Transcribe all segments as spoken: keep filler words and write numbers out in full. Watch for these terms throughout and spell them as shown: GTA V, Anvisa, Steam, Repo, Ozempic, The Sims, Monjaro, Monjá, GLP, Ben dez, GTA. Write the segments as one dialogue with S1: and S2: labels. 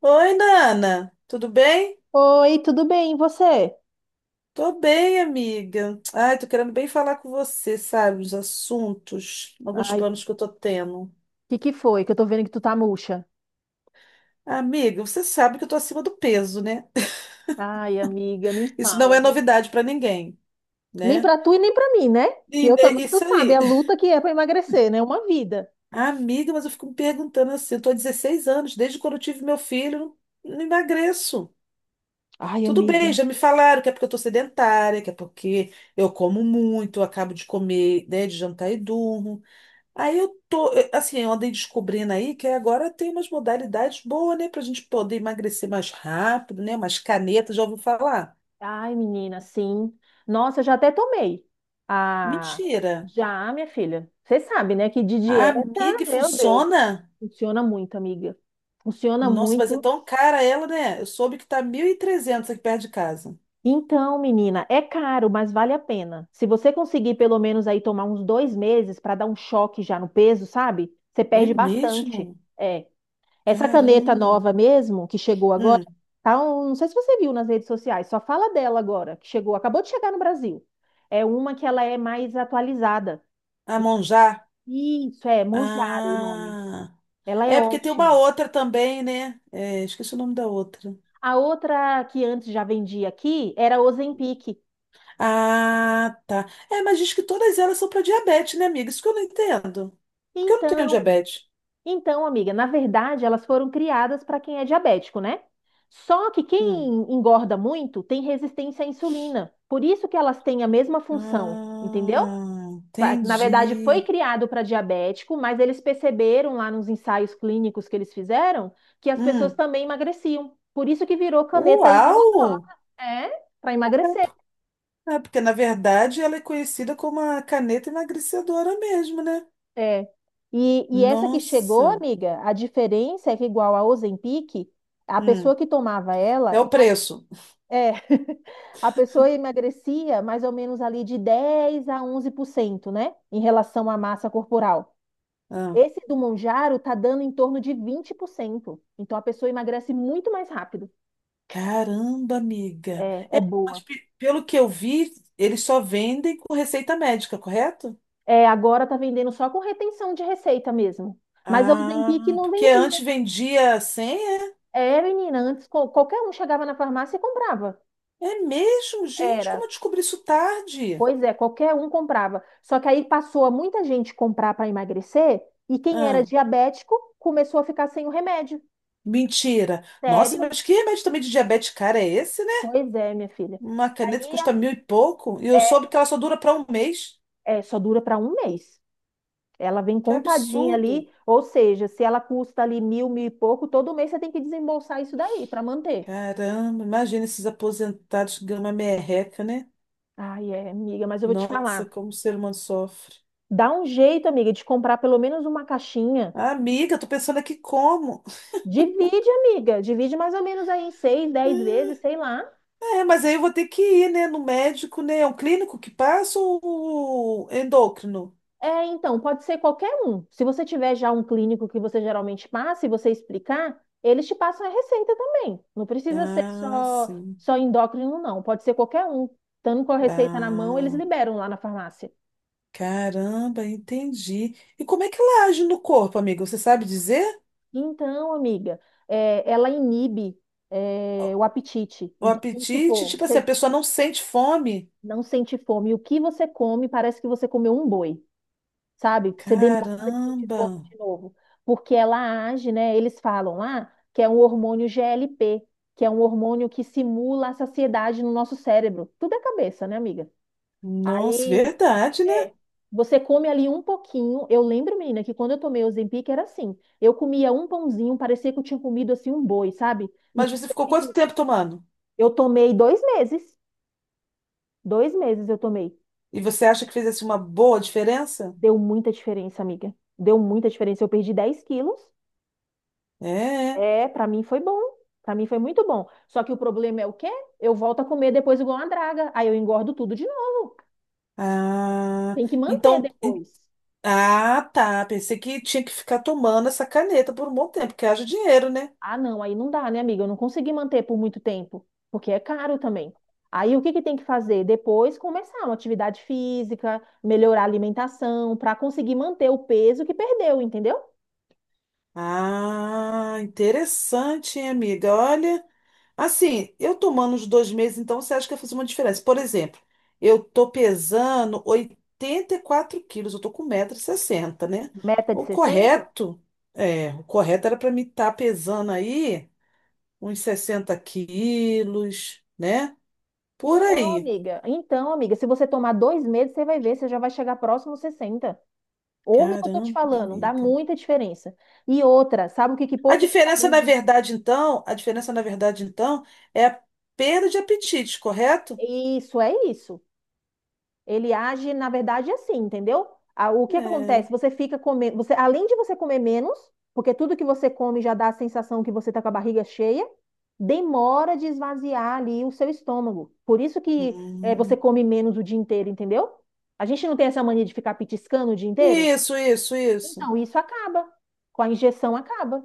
S1: Oi, Nana, tudo bem?
S2: Oi, tudo bem, e você?
S1: Tô bem, amiga. Ai, tô querendo bem falar com você, sabe, os assuntos, alguns
S2: Ai, o
S1: planos que eu tô tendo.
S2: que que foi? Que eu tô vendo que tu tá murcha.
S1: Amiga, você sabe que eu tô acima do peso, né?
S2: Ai, amiga, nem
S1: Isso não
S2: fala,
S1: é
S2: viu?
S1: novidade pra ninguém,
S2: Nem
S1: né?
S2: pra tu e nem pra mim, né? Que
S1: E
S2: eu
S1: né,
S2: também, tu
S1: isso
S2: sabe,
S1: aí.
S2: a luta que é pra emagrecer, né? Uma vida.
S1: Amiga, mas eu fico me perguntando assim, eu tô há dezesseis anos, desde quando eu tive meu filho, não não emagreço.
S2: Ai,
S1: Tudo
S2: amiga.
S1: bem, já me falaram que é porque eu tô sedentária, que é porque eu como muito, eu acabo de comer, né, de jantar e durmo. Aí eu tô, eh, assim, eu andei descobrindo aí que agora tem umas modalidades boas, né, pra gente poder emagrecer mais rápido, né? Umas canetas, já ouviu falar?
S2: Ai, menina, sim. Nossa, eu já até tomei. Ah,
S1: Mentira.
S2: já, minha filha. Você sabe, né, que de dieta,
S1: Amiga, e
S2: meu Deus,
S1: funciona?
S2: funciona muito, amiga. Funciona
S1: Nossa, mas é
S2: muito.
S1: tão cara ela, né? Eu soube que tá mil e trezentos aqui perto de casa.
S2: Então, menina, é caro, mas vale a pena. Se você conseguir pelo menos aí tomar uns dois meses para dar um choque já no peso, sabe? Você
S1: É
S2: perde bastante.
S1: mesmo?
S2: É. Essa caneta
S1: Caramba.
S2: nova mesmo, que chegou agora,
S1: Hum,
S2: tá um- não sei se você viu nas redes sociais, só fala dela agora, que chegou, acabou de chegar no Brasil. É uma que ela é mais atualizada.
S1: a Monjá?
S2: Isso, é Monjaro o nome.
S1: Ah.
S2: Ela é
S1: É porque tem uma
S2: ótima.
S1: outra também, né? É, esqueci o nome da outra.
S2: A outra que antes já vendia aqui era Ozempic.
S1: Ah, tá. É, mas diz que todas elas são para diabetes, né, amiga? Isso que eu não entendo. Porque eu não tenho
S2: Então,
S1: diabetes.
S2: Então, amiga, na verdade, elas foram criadas para quem é diabético, né? Só que quem
S1: Hum.
S2: engorda muito tem resistência à insulina. Por isso que elas têm a mesma função, entendeu?
S1: Ah,
S2: Pa- Na verdade, foi
S1: entendi.
S2: criado para diabético, mas eles perceberam lá nos ensaios clínicos que eles fizeram que as pessoas
S1: Hum.
S2: também emagreciam. Por isso que virou caneta aí
S1: Uau!
S2: milagrosa, é, para emagrecer.
S1: É, porque na verdade ela é conhecida como a caneta emagrecedora mesmo, né?
S2: É. E, e essa que chegou,
S1: Nossa.
S2: amiga, a diferença é que igual a Ozempic, a
S1: Hum.
S2: pessoa que tomava ela
S1: É o preço.
S2: É, a pessoa emagrecia mais ou menos ali de dez a onze por cento, né? Em relação à massa corporal.
S1: Ah.
S2: Esse do Monjaro tá dando em torno de vinte por cento. Então a pessoa emagrece muito mais rápido.
S1: Caramba, amiga.
S2: É, é
S1: Mas
S2: boa.
S1: pe- pelo que eu vi, eles só vendem com receita médica, correto?
S2: É, agora tá vendendo só com retenção de receita mesmo. Mas a Ozempic
S1: Ah,
S2: não
S1: porque
S2: vendia.
S1: antes vendia sem.
S2: É, menina, antes co- qualquer um chegava na farmácia e comprava.
S1: É mesmo, gente? Como
S2: Era.
S1: eu descobri isso tarde?
S2: Pois é, qualquer um comprava. Só que aí passou a muita gente comprar para emagrecer e quem era
S1: Ah,
S2: diabético começou a ficar sem o remédio.
S1: mentira. Nossa,
S2: Sério?
S1: mas que remédio também de diabetes cara é esse, né?
S2: Pois é, minha filha.
S1: Uma caneta que
S2: Aí
S1: custa mil e pouco e eu soube
S2: é,
S1: que ela só dura para um mês.
S2: é só dura para um mês. Ela vem
S1: Que
S2: contadinha
S1: absurdo.
S2: ali, ou seja, se ela custa ali mil, mil e pouco, todo mês você tem que desembolsar isso daí para manter.
S1: Caramba, imagina esses aposentados gama merreca, né?
S2: Ai, é, amiga, mas eu vou te
S1: Nossa,
S2: falar.
S1: como o ser humano sofre.
S2: Dá um jeito, amiga, de comprar pelo menos uma caixinha.
S1: Amiga, tô pensando aqui como.
S2: Divide, amiga. Divide mais ou menos aí em seis, dez vezes, sei lá.
S1: É, mas aí eu vou ter que ir, né, no médico, né? É um clínico que passa ou endócrino?
S2: É, então, pode ser qualquer um. Se você tiver já um clínico que você geralmente passa e você explicar, eles te passam a receita também. Não precisa ser
S1: Ah,
S2: só,
S1: sim.
S2: só endócrino, não. Pode ser qualquer um. Estando com a receita na mão, eles
S1: Ah.
S2: liberam lá na farmácia.
S1: Caramba, entendi. E como é que ela age no corpo, amigo? Você sabe dizer?
S2: Então, amiga, é, ela inibe, é,
S1: O
S2: o apetite.
S1: o
S2: Então, vamos
S1: apetite,
S2: supor,
S1: tipo assim, a
S2: você
S1: pessoa não sente fome?
S2: não sente fome. O que você come parece que você comeu um boi. Sabe? Você demora a sentir
S1: Caramba.
S2: fome de novo, porque ela age, né? Eles falam lá que é um hormônio G L P, que é um hormônio que simula a saciedade no nosso cérebro. Tudo é cabeça, né, amiga?
S1: Nossa,
S2: Aí
S1: verdade, né?
S2: é, você come ali um pouquinho. Eu lembro, menina, que quando eu tomei o Ozempic era assim. Eu comia um pãozinho, parecia que eu tinha comido assim um boi, sabe? E
S1: Mas você ficou quanto tempo tomando?
S2: eu tomei dois meses. Dois meses eu tomei.
S1: E você acha que fez assim uma boa diferença?
S2: Deu muita diferença, amiga. Deu muita diferença. Eu perdi dez quilos.
S1: É.
S2: É, para mim foi bom. Para mim foi muito bom. Só que o problema é o quê? Eu volto a comer depois igual uma draga. Aí eu engordo tudo de novo.
S1: Ah,
S2: Tem que manter
S1: então, en-
S2: depois.
S1: ah, tá. Pensei que tinha que ficar tomando essa caneta por um bom tempo, porque haja dinheiro, né?
S2: Ah, não, aí não dá, né, amiga? Eu não consegui manter por muito tempo, porque é caro também. Aí o que que tem que fazer? Depois começar uma atividade física, melhorar a alimentação, para conseguir manter o peso que perdeu, entendeu?
S1: Ah, interessante, hein, amiga? Olha, assim, eu tomando os dois meses, então você acha que vai fazer uma diferença? Por exemplo, eu tô pesando oitenta e quatro quilos, eu tô com 160 sessenta, né?
S2: Meta de
S1: O
S2: sessenta?
S1: correto, é, o correto era para mim estar pesando aí uns sessenta quilos, né? Por
S2: Então,
S1: aí.
S2: amiga, então, amiga, se você tomar dois meses, você vai ver, você já vai chegar próximo aos sessenta. Ouve o que eu tô te
S1: Caramba,
S2: falando, dá
S1: amiga.
S2: muita diferença. E outra, sabe o que que
S1: A diferença, na
S2: potencializa?
S1: verdade, então, a diferença, na verdade, então, é a perda de apetite, correto?
S2: Isso, é isso. Ele age, na verdade, assim, entendeu? Ah, o que que
S1: É.
S2: acontece? Você fica comendo, você, além de você comer menos, porque tudo que você come já dá a sensação que você tá com a barriga cheia, demora de esvaziar ali o seu estômago. Por isso que eh, você
S1: Hum.
S2: come menos o dia inteiro, entendeu? A gente não tem essa mania de ficar petiscando o dia inteiro?
S1: Isso, isso, isso.
S2: Então, isso acaba. Com a injeção acaba.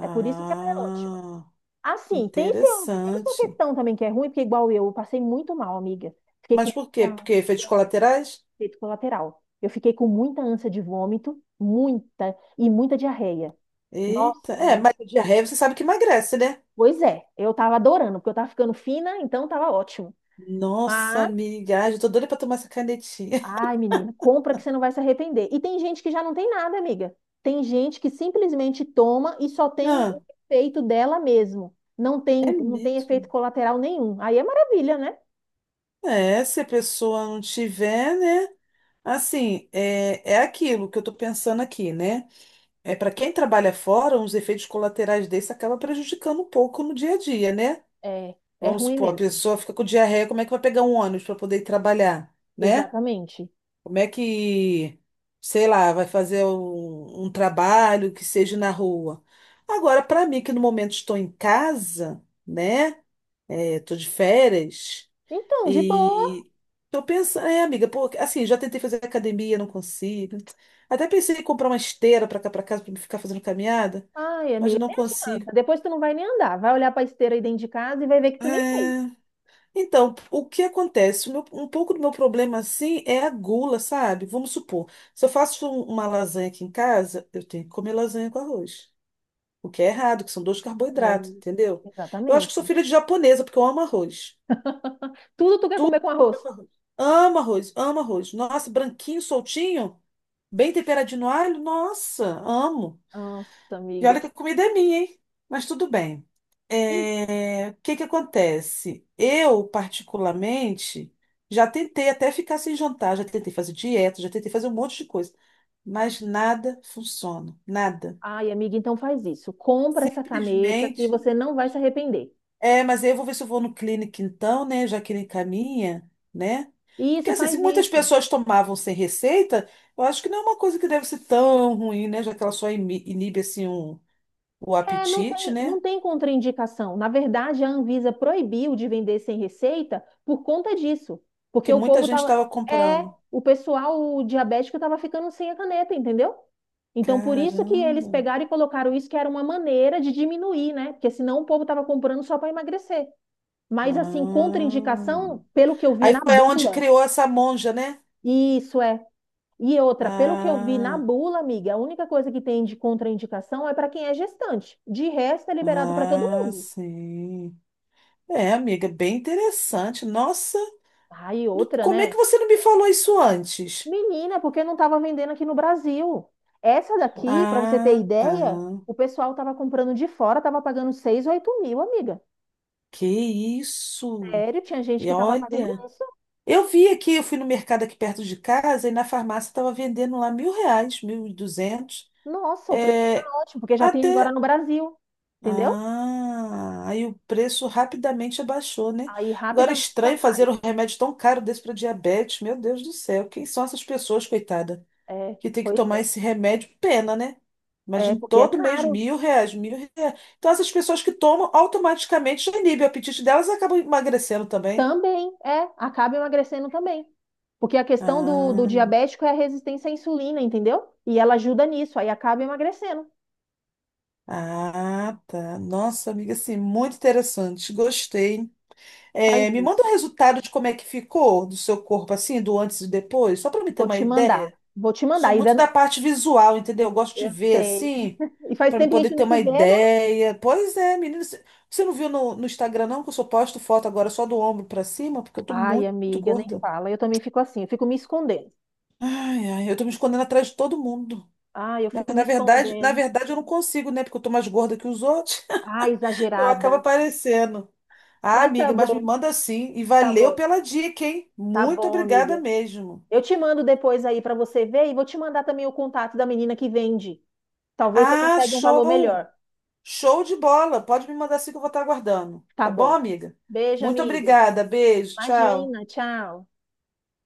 S2: É por isso que ela é ótima. Assim, tem seu, tem sua
S1: interessante.
S2: questão também que é ruim, porque igual eu, eu passei muito mal, amiga. Fiquei
S1: Mas
S2: com
S1: por quê? Porque
S2: muita-
S1: efeitos colaterais?
S2: efeito colateral. Eu fiquei com muita ânsia de vômito, muita, e muita diarreia.
S1: Eita,
S2: Nossa,
S1: é,
S2: menina.
S1: mas a diarreia você sabe que emagrece, né?
S2: Pois é, eu tava adorando, porque eu tava ficando fina, então tava ótimo.
S1: Nossa,
S2: Mas
S1: amiga, ai, eu tô doida pra tomar essa canetinha.
S2: ai, menina, compra que você não vai se arrepender. E tem gente que já não tem nada, amiga. Tem gente que simplesmente toma e só tem o
S1: Ah,
S2: efeito dela mesmo. Não
S1: é
S2: tem, não tem efeito
S1: mesmo?
S2: colateral nenhum. Aí é maravilha, né?
S1: É, se a pessoa não tiver, né? Assim, é, é aquilo que eu tô pensando aqui, né? É para quem trabalha fora, os efeitos colaterais desse acaba prejudicando um pouco no dia a dia, né?
S2: É, é
S1: Vamos
S2: ruim
S1: supor, a
S2: mesmo.
S1: pessoa fica com diarreia, como é que vai pegar um ônibus para poder ir trabalhar, né?
S2: Exatamente.
S1: Como é que, sei lá, vai fazer um, um trabalho que seja na rua? Agora, para mim, que no momento estou em casa, né? Estou de férias
S2: Então, de boa.
S1: e eu penso, é, amiga, pô, assim, já tentei fazer academia, não consigo. Até pensei em comprar uma esteira para cá para casa para ficar fazendo caminhada,
S2: Ai,
S1: mas
S2: amiga,
S1: não
S2: nem
S1: consigo.
S2: adianta. Depois tu não vai nem andar. Vai olhar pra esteira aí dentro de casa e vai ver que tu nem fez.
S1: É. Então, o que acontece? O meu- um pouco do meu problema assim é a gula, sabe? Vamos supor, se eu faço um- uma lasanha aqui em casa, eu tenho que comer lasanha com arroz, o que é errado, que são dois
S2: É,
S1: carboidratos, entendeu? Eu acho que
S2: exatamente.
S1: sou filha de japonesa, porque eu amo arroz.
S2: Tudo tu quer comer com arroz.
S1: Comer com arroz. Amo arroz, amo arroz. Nossa, branquinho, soltinho, bem temperadinho no alho, nossa, amo.
S2: Nossa,
S1: E
S2: amiga.
S1: olha que a comida é minha, hein? Mas tudo bem. É, o que que acontece? Eu, particularmente, já tentei até ficar sem jantar, já tentei fazer dieta, já tentei fazer um monte de coisa, mas nada funciona, nada.
S2: Ai, amiga, então faz isso. Compra essa caneta que
S1: Simplesmente.
S2: você não vai se arrepender.
S1: É, mas aí eu vou ver se eu vou no clínico então, né? Já que ele encaminha, né? Porque
S2: Isso,
S1: assim, se
S2: faz
S1: muitas
S2: isso.
S1: pessoas tomavam sem receita, eu acho que não é uma coisa que deve ser tão ruim, né? Já que ela só imi- inibe assim um, o
S2: É, não
S1: apetite,
S2: tem, não
S1: né?
S2: tem contraindicação. Na verdade, a Anvisa proibiu de vender sem receita por conta disso. Porque
S1: Que
S2: o
S1: muita
S2: povo
S1: gente
S2: tava.
S1: estava
S2: É,
S1: comprando.
S2: o pessoal o diabético tava ficando sem a caneta, entendeu? Então, por isso que eles
S1: Caramba.
S2: pegaram e colocaram isso, que era uma maneira de diminuir, né? Porque senão o povo tava comprando só para emagrecer. Mas, assim,
S1: Ah.
S2: contraindicação, pelo que eu vi
S1: Aí
S2: na
S1: foi onde
S2: bula,
S1: criou essa monja, né?
S2: isso é. E outra, pelo que eu vi na
S1: Ah,
S2: bula, amiga, a única coisa que tem de contraindicação é para quem é gestante. De resto, é liberado para todo
S1: ah,
S2: mundo.
S1: sim. É, amiga, bem interessante. Nossa,
S2: Aí outra,
S1: como é que
S2: né?
S1: você não me falou isso antes?
S2: Menina, porque não estava vendendo aqui no Brasil. Essa daqui, para você ter
S1: Ah, tá.
S2: ideia, o pessoal estava comprando de fora, estava pagando seis, oito mil, amiga.
S1: Que isso?
S2: Sério, tinha gente
S1: E
S2: que estava pagando
S1: olha,
S2: isso.
S1: eu vi aqui, eu fui no mercado aqui perto de casa e na farmácia estava vendendo lá mil reais, mil e duzentos.
S2: Nossa, o preço tá
S1: É,
S2: ótimo, porque já tem agora
S1: até.
S2: no Brasil. Entendeu?
S1: Ah, aí o preço rapidamente abaixou, né?
S2: Aí
S1: Agora, é
S2: rapidamente já.
S1: estranho
S2: Tá.
S1: fazer um remédio tão caro desse para diabetes. Meu Deus do céu, quem são essas pessoas, coitada,
S2: É,
S1: que tem que
S2: pois
S1: tomar
S2: é.
S1: esse remédio? Pena, né?
S2: É,
S1: Imagina
S2: porque é
S1: todo mês
S2: caro.
S1: mil reais, mil reais. Então, essas pessoas que tomam automaticamente já inibe o apetite delas e acabam emagrecendo também.
S2: Também, é, acaba emagrecendo também. Porque a questão do, do
S1: Ah,
S2: diabético é a resistência à insulina, entendeu? E ela ajuda nisso, aí acaba emagrecendo.
S1: ah, tá. Nossa, amiga, assim, muito interessante. Gostei. É,
S2: Faz
S1: me manda o
S2: isso.
S1: resultado de como é que ficou do seu corpo, assim, do antes e depois, só para me ter
S2: Vou
S1: uma
S2: te mandar.
S1: ideia.
S2: Vou te mandar.
S1: Sou
S2: Ainda
S1: muito
S2: não-
S1: da parte visual, entendeu? Eu gosto de
S2: eu
S1: ver,
S2: sei.
S1: assim,
S2: E faz
S1: para me
S2: tempo que a
S1: poder
S2: gente
S1: ter
S2: não se
S1: uma
S2: vê, né?
S1: ideia. Pois é, menina, você você não viu no, no Instagram, não, que eu só posto foto agora só do ombro para cima, porque eu tô
S2: Ai,
S1: muito
S2: amiga, nem
S1: gorda.
S2: fala. Eu também fico assim, eu fico me escondendo.
S1: Ai, ai, eu tô me escondendo atrás de todo mundo.
S2: Ai, eu
S1: Mas
S2: fico me
S1: na verdade, na
S2: escondendo.
S1: verdade eu não consigo, né? Porque eu tô mais gorda que os outros.
S2: Ai,
S1: Eu
S2: exagerada.
S1: acabo aparecendo. Ah,
S2: Mas tá
S1: amiga, mas me
S2: bom,
S1: manda sim. E
S2: tá
S1: valeu
S2: bom.
S1: pela dica, hein?
S2: Tá
S1: Muito
S2: bom,
S1: obrigada
S2: amiga.
S1: mesmo.
S2: Eu te mando depois aí pra você ver e vou te mandar também o contato da menina que vende. Talvez você
S1: Ah,
S2: consiga um valor
S1: show!
S2: melhor.
S1: Show de bola! Pode me mandar sim que eu vou estar aguardando.
S2: Tá
S1: Tá bom,
S2: bom.
S1: amiga?
S2: Beijo,
S1: Muito
S2: amiga.
S1: obrigada. Beijo, tchau.
S2: Imagina, tchau.